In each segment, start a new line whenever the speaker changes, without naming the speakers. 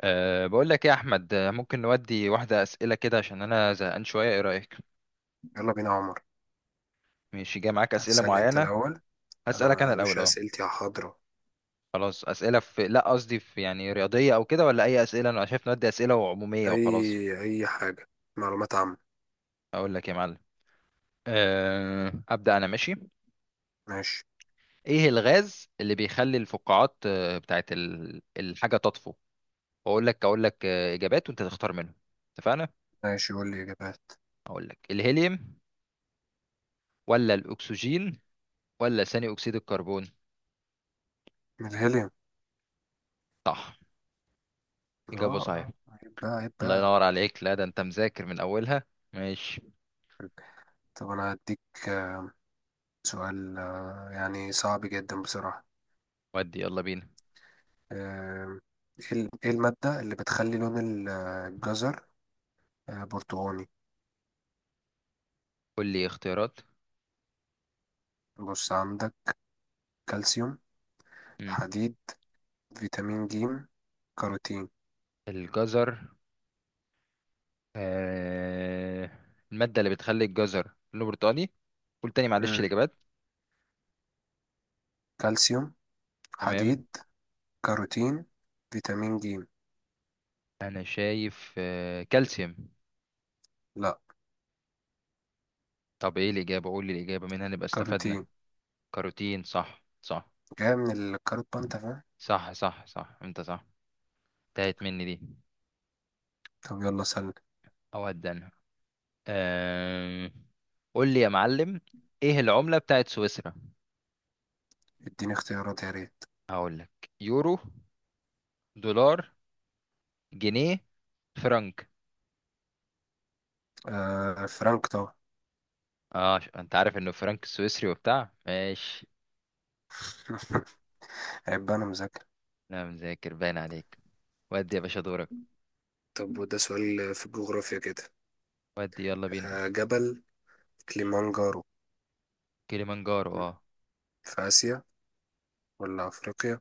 بقول لك إيه يا أحمد، ممكن نودي واحدة أسئلة كده عشان أنا زهقان شوية، إيه رأيك؟
يلا بينا يا عمر.
مش جاي معاك أسئلة
هتسألني انت
معينة؟
الأول؟
أسألك
أنا
أنا
يا
الأول،
باشا
أه.
أسئلتي حاضرة.
خلاص، أسئلة في لا قصدي في يعني رياضية أو كده ولا أي أسئلة؟ أنا شايف نودي أسئلة عمومية وخلاص.
أي أي حاجة. معلومات عامة.
أقول لك يا معلم. أه أبدأ أنا، ماشي.
ماشي.
إيه الغاز اللي بيخلي الفقاعات بتاعت الحاجة تطفو؟ أقول لك إجابات وأنت تختار منهم. اتفقنا؟
ماشي قول لي إجابات.
أقول لك، الهيليوم ولا الأكسجين ولا ثاني أكسيد الكربون؟
من الهيليوم.
صح. إجابة
اه،
صحيحة.
عيب بقى، عيب
الله
بقى.
ينور عليك، لا ده انت مذاكر من اولها. ماشي،
طب أنا هديك آه، سؤال يعني صعب جدا بصراحة.
ودي يلا بينا.
آه، إيه إيه المادة اللي بتخلي لون الجزر برتقاني؟
قول لي اختيارات.
بص عندك: كالسيوم،
مم.
حديد، فيتامين ج، كاروتين.
الجزر. آه... المادة اللي بتخلي الجزر لونه برتقاني. قول تاني معلش
مم.
الاجابات.
كالسيوم،
تمام.
حديد، كاروتين، فيتامين ج.
انا شايف كالسيوم.
لا.
طب ايه الاجابة، قول لي الاجابة منها نبقى استفدنا.
كاروتين.
كاروتين، صح صح.
جاية من الكاروت بقى، انت فاهم.
صح صح صح، انت صح. انتهت مني دي.
طب يلا سألني.
اود انا. آه... قول لي يا معلم، ايه العملة بتاعت سويسرا؟
اديني اختيارات يا ريت.
هقول لك، يورو، دولار، جنيه، فرنك.
آه، فرانك طبعا.
انت عارف انه فرنك سويسري وبتاع، ماشي.
عيب بقى، انا مذاكر.
لا، مذاكر باين عليك. ودي يا باشا دورك.
طب وده سؤال في الجغرافيا كده.
ودي يلا بينا.
جبل كليمانجارو،
كليمانجارو، اه.
في آسيا ولا أفريقيا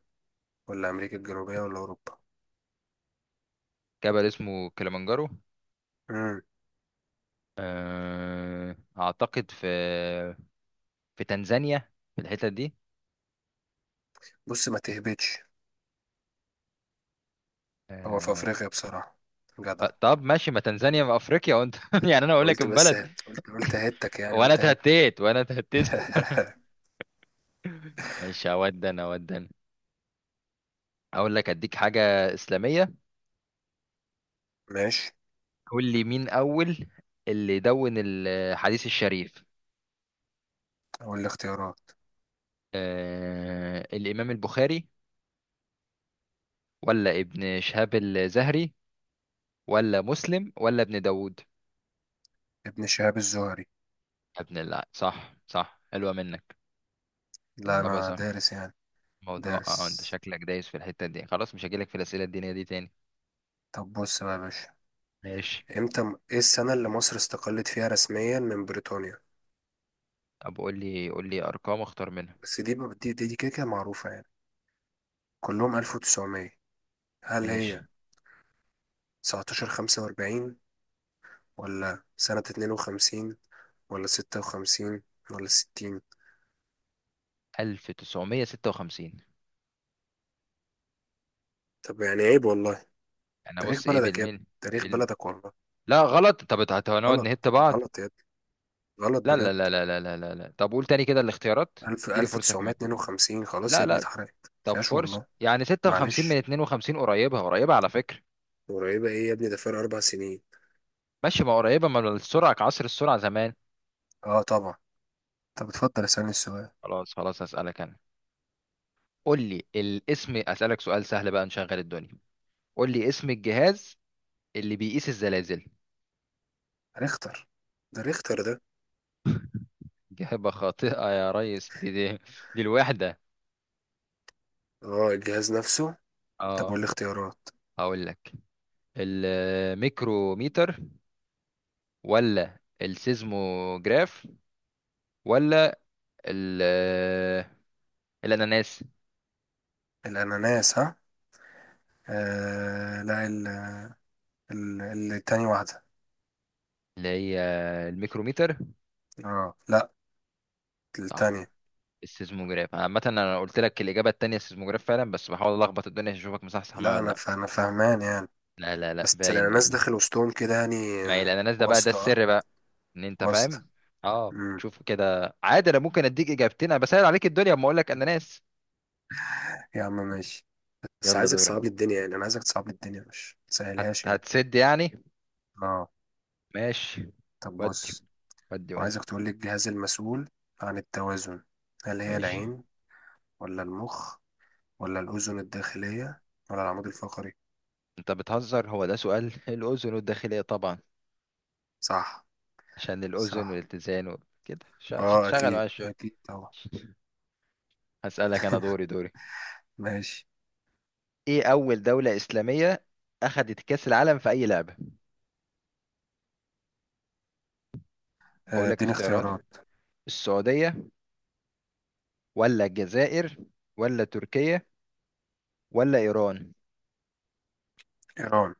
ولا أمريكا الجنوبية ولا أوروبا؟
جبل اسمه كليمانجارو.
مم.
اعتقد في، في تنزانيا، في الحتة دي.
بص ما تهبطش. هو في
آه.
أفريقيا بصراحة. جدع.
طب ماشي، ما تنزانيا في افريقيا وانت يعني انا
أنا
اقول لك
قلت بس.
البلد.
قلت قلت هتك، يعني
وانا
قلت هت
اتهتيت وانا اتهتيت. ماشي، اودن اودن. اقول لك اديك حاجة اسلامية.
ماشي.
قول لي مين أول اللي دون الحديث الشريف؟
أقول الاختيارات.
آه الإمام البخاري ولا ابن شهاب الزهري ولا مسلم ولا ابن داود؟
ابن شهاب الزهري.
يا ابن الله، صح صح، حلوة منك.
لا،
إجابة
أنا
صح.
دارس يعني.
موضوع، انت
دارس.
شكلك دايس في الحتة دي، خلاص مش هجيلك في الأسئلة الدينية دي تاني.
طب بص بقى يا باشا،
ماشي.
امتى ايه السنة اللي مصر استقلت فيها رسميا من بريطانيا؟
طب قول لي أرقام أختار منها.
بس دي كده كده معروفة يعني. كلهم 1900. هل هي
ماشي.
1945، ولا سنة 52، ولا 56، ولا 60؟
1956.
طب يعني عيب والله.
أنا
تاريخ
بص إيه
بلدك يا ابني.
بالميل.
تاريخ
بال...
بلدك والله.
لا غلط. طب هنقعد
غلط.
نهت بعض.
غلط يا ابني. غلط
لا
بجد.
لا لا لا لا لا لا لا، طب قول تاني كده الاختيارات.
1000،
اديني فرصة كمان.
1952، خلاص
لا
يا ابني،
لا.
اتحرقت ما
طب
فيهاش
فرصة
والله.
يعني، 56 من
معلش.
52 قريبة، قريبة على فكرة.
قريبة ايه يا ابني؟ ده فرق 4 سنين.
ماشي، ما قريبة، ما السرعة كعصر السرعة زمان.
اه طبعا. طب اتفضل اسألني السؤال.
خلاص خلاص، هسألك أنا. قول لي الاسم، أسألك سؤال سهل بقى نشغل الدنيا. قول لي اسم الجهاز اللي بيقيس الزلازل.
ريختر. ده ريختر ده.
إجابة خاطئة يا ريس، دي الوحدة.
اه، الجهاز نفسه. طب
اه.
والاختيارات؟
هقول لك، الميكروميتر ولا السيزموجراف ولا الاناناس.
الأناناس، ها؟ لا، ال التاني واحدة.
اللي هي الميكروميتر.
اه لا،
صح،
التانية.
السيزموجراف. عامة انا قلت لك الاجابة التانية السيزموجراف فعلا، بس بحاول الخبط الدنيا عشان اشوفك مصحصح معايا
لا أنا
ولا.
أنا فاهمان يعني.
لا لا لا لا،
بس
باين
الأناناس
باين.
داخل وسطهم كده، يعني
ما هي الاناناس ده بقى، ده
واسطة اه.
السر بقى، ان انت
واسطة.
فاهم. اه
امم
شوف كده عادي، انا ممكن اديك اجابتين، انا بسهل عليك الدنيا اما اقول لك اناناس.
يا عم ماشي. بس
يلا
عايزك
دورك.
تصعب لي الدنيا، يعني أنا عايزك تصعب لي الدنيا مش تسهلهاش يعني.
هتسد يعني.
اه.
ماشي.
طب
ودي
بص،
ودي ودي.
وعايزك تقول لي الجهاز المسؤول عن التوازن. هل هي
ماشي.
العين، ولا المخ، ولا الأذن الداخلية، ولا العمود الفقري؟
انت بتهزر، هو ده سؤال؟ الاذن والداخلية طبعا.
صح.
عشان الاذن
صح.
والاتزان كده.
اه
شغل
أكيد،
معايا الشغل.
أكيد طبعا.
هسألك أنا، دوري دوري.
ماشي.
إيه أول دولة إسلامية أخذت كأس العالم في أي لعبة؟ أقول لك
اديني
اختيارات.
اختيارات.
السعودية ولا الجزائر ولا تركيا ولا إيران؟
إيران.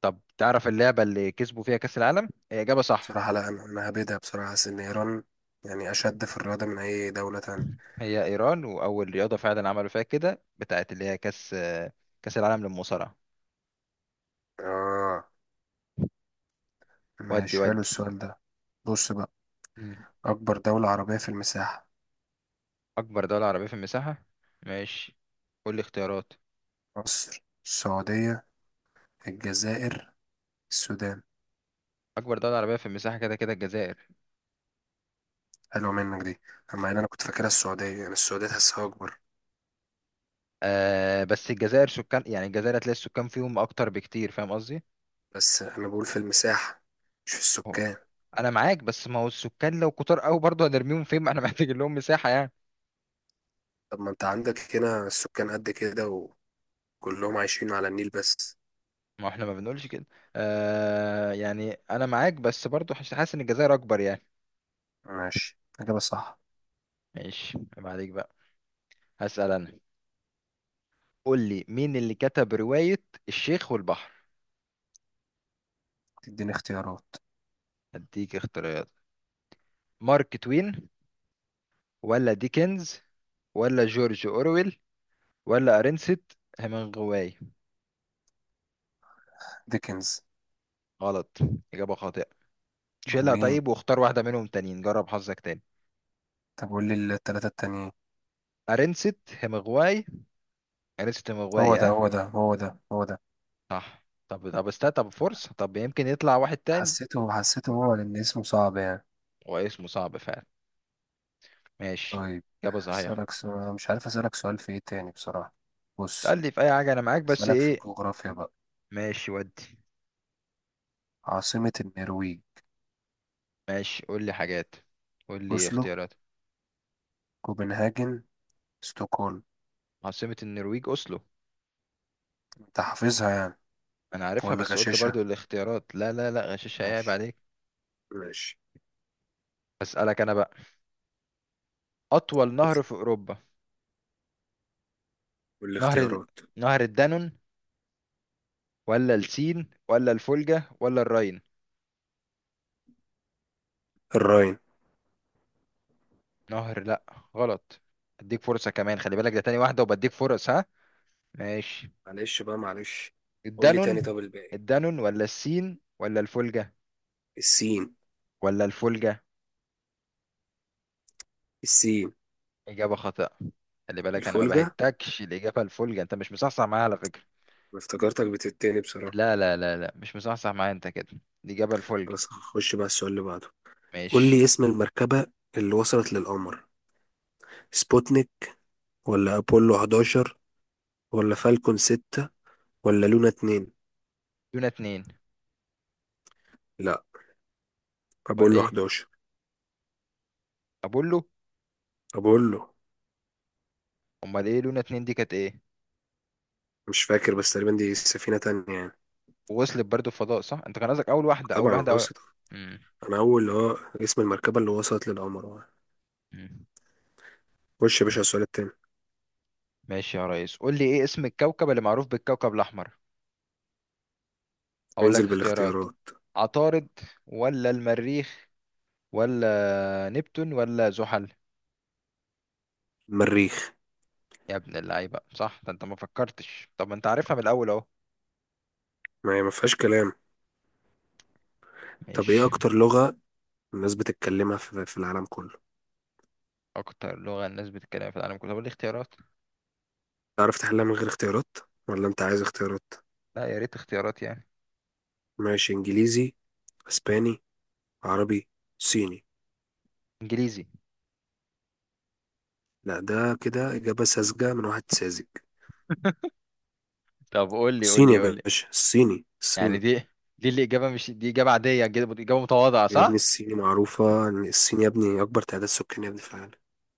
طب تعرف اللعبة اللي كسبوا فيها كأس العالم؟ هي إجابة صح.
بصراحة لا. أنا هبدها بصراحة، حاسس إن إيران يعني أشد في الرياضة من أي دولة تانية.
هي إيران، وأول رياضة فعلا عملوا فيها كده بتاعت اللي هي كأس، كأس العالم للمصارعة.
آه.
ودي
ماشي، حلو
ودي.
السؤال ده. بص بقى،
مم.
أكبر دولة عربية في المساحة.
أكبر دولة عربية في المساحة؟ ماشي، قول لي اختيارات.
مصر، السعودية، الجزائر، السودان.
أكبر دولة عربية في المساحة كده كده الجزائر.
حلوة منك دي. أما أنا، كنت فاكرها السعودية يعني. السعودية تحسها أكبر.
آه بس الجزائر سكان يعني، الجزائر هتلاقي السكان فيهم اكتر بكتير، فاهم قصدي؟
بس أنا بقول في المساحة، مش في
هو
السكان.
انا معاك، بس ما هو السكان لو كتار قوي برضه هنرميهم فين؟ ما احنا محتاجين لهم مساحه يعني.
طب ما انت عندك هنا السكان قد كده، وكلهم عايشين على النيل بس.
ما احنا ما بنقولش كده. آه يعني انا معاك، بس برضه حاسس، حاسس ان الجزائر اكبر يعني.
ماشي، إجابة صح.
ماشي، ما عليك بقى، هسأل انا. قول لي مين اللي كتب روايه الشيخ والبحر؟
تديني اختيارات.
هديك اختيارات. مارك توين ولا ديكنز ولا جورج اورويل ولا ارنست هيمنغواي؟
ديكنز.
غلط، اجابه خاطئه،
أمال
شيلها
مين؟
طيب واختار واحدة منهم تانيين، جرب حظك تاني.
طب قول لي التلاتة التانيين.
أرنست همغواي، أرنست
هو
همغواي،
ده،
اه.
هو ده، هو ده، هو ده.
صح. طب طب استا، طب فرصة، طب يمكن يطلع واحد تاني.
حسيته، حسيته هو، لأن اسمه صعب يعني.
هو اسمه صعب فعلا. ماشي،
طيب.
إجابة صحيحة.
أسألك سؤال، مش عارف أسألك سؤال في إيه تاني بصراحة. بص،
اسألني في أي حاجة، أنا معاك، بس
أسألك في
إيه؟
الجغرافيا بقى.
ماشي ودي.
عاصمة النرويج.
ماشي، قول لي حاجات، قول لي
أوسلو،
اختيارات.
كوبنهاجن، ستوكهولم.
عاصمة النرويج أوسلو.
أنت حافظها يعني.
أنا عارفها
ولا
بس قلت
غشاشة.
برضو الاختيارات، لا لا لا غشاش هيعيب
ماشي.
عليك.
ماشي
أسألك أنا بقى، أطول نهر في أوروبا.
قول لي
نهر،
اختيارات.
نهر الدانون ولا السين ولا الفولجا ولا الراين؟
الراين.
نهر، لا، غلط. اديك فرصة كمان، خلي بالك ده تاني واحدة وبديك فرص، ها؟ ماشي.
معلش بقى، معلش. قول لي تاني
الدانون.
طب، الباقي.
الدانون ولا السين ولا الفولجة،
السين.
ولا الفولجة.
السين.
إجابة خاطئة، خلي بالك أنا ما
الفولجة. انا
بهتكش الإجابة الفولجة، أنت مش مصحصح معايا على فكرة.
افتكرتك بتتاني بصراحة.
لا لا لا لا، مش مصحصح معايا أنت كده. الإجابة الفولجة.
بس هخش بقى السؤال اللي بعده. قول لي
ماشي.
اسم المركبة اللي وصلت للقمر. سبوتنيك، ولا أبولو 11، ولا فالكون 6، ولا لونا 2؟
لونا 2.
لا،
ولا
أبولو
إيه؟
11.
أبولو.
أبولو.
أمال إيه لونا اتنين دي كانت إيه؟
مش فاكر بس تقريبا دي سفينة تانية يعني.
ووصلت برضو الفضاء صح، أنت كان قصدك أول واحدة، أول
طبعا
واحدة، أول...
وصلت.
مم.
أنا أول اللي هو اسم المركبة اللي وصلت للقمر
مم.
خش يا باشا على السؤال التاني.
ماشي يا ريس، قول لي ايه اسم الكوكب اللي معروف بالكوكب الاحمر. اقول
ننزل
لك اختيارات.
بالاختيارات.
عطارد ولا المريخ ولا نبتون ولا زحل؟
المريخ.
يا ابن اللعيبه صح، ده انت ما فكرتش، طب ما انت عارفها من الاول اهو.
ما هي ما فيهاش كلام. طب ايه
ماشي.
اكتر لغة الناس بتتكلمها في العالم كله؟
اكتر لغه الناس بتتكلم في العالم كله، طب قول لي اختيارات.
تعرف تحلها من غير اختيارات، ولا انت عايز اختيارات؟
لا يا ريت اختيارات يعني.
ماشي. انجليزي، اسباني، عربي، صيني.
انجليزي.
لا، ده كده اجابة ساذجة من واحد ساذج.
طب قول لي قول
الصيني
لي
يا
قول لي
باشا، الصيني،
يعني
الصيني.
دي، دي الاجابه، مش دي اجابه عاديه، اجابه متواضعه،
يا ابني
صح؟
الصيني، معروفة ان الصين يا ابني اكبر تعداد سكاني يا ابني في العالم.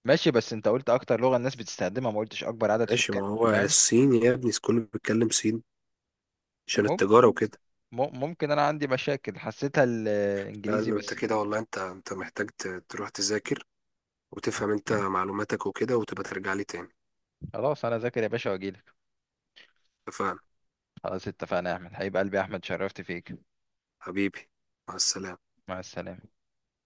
ماشي، بس انت قلت اكتر لغه الناس بتستخدمها، ما قلتش اكبر عدد
ماشي. ما
سكان،
هو
فاهم.
الصين يا ابني كله بيتكلم صيني عشان التجارة وكده.
ممكن انا عندي مشاكل، حسيتها
لا،
الانجليزي
إن انت
بس.
كده والله. انت محتاج تروح تذاكر وتفهم انت معلوماتك وكده، وتبقى ترجع لي تاني.
خلاص، انا ذاكر يا باشا واجيلك.
اتفقنا؟
خلاص اتفقنا يا احمد، حبيب قلبي يا احمد، شرفت فيك.
حبيبي. مع السلامة.
مع السلامة.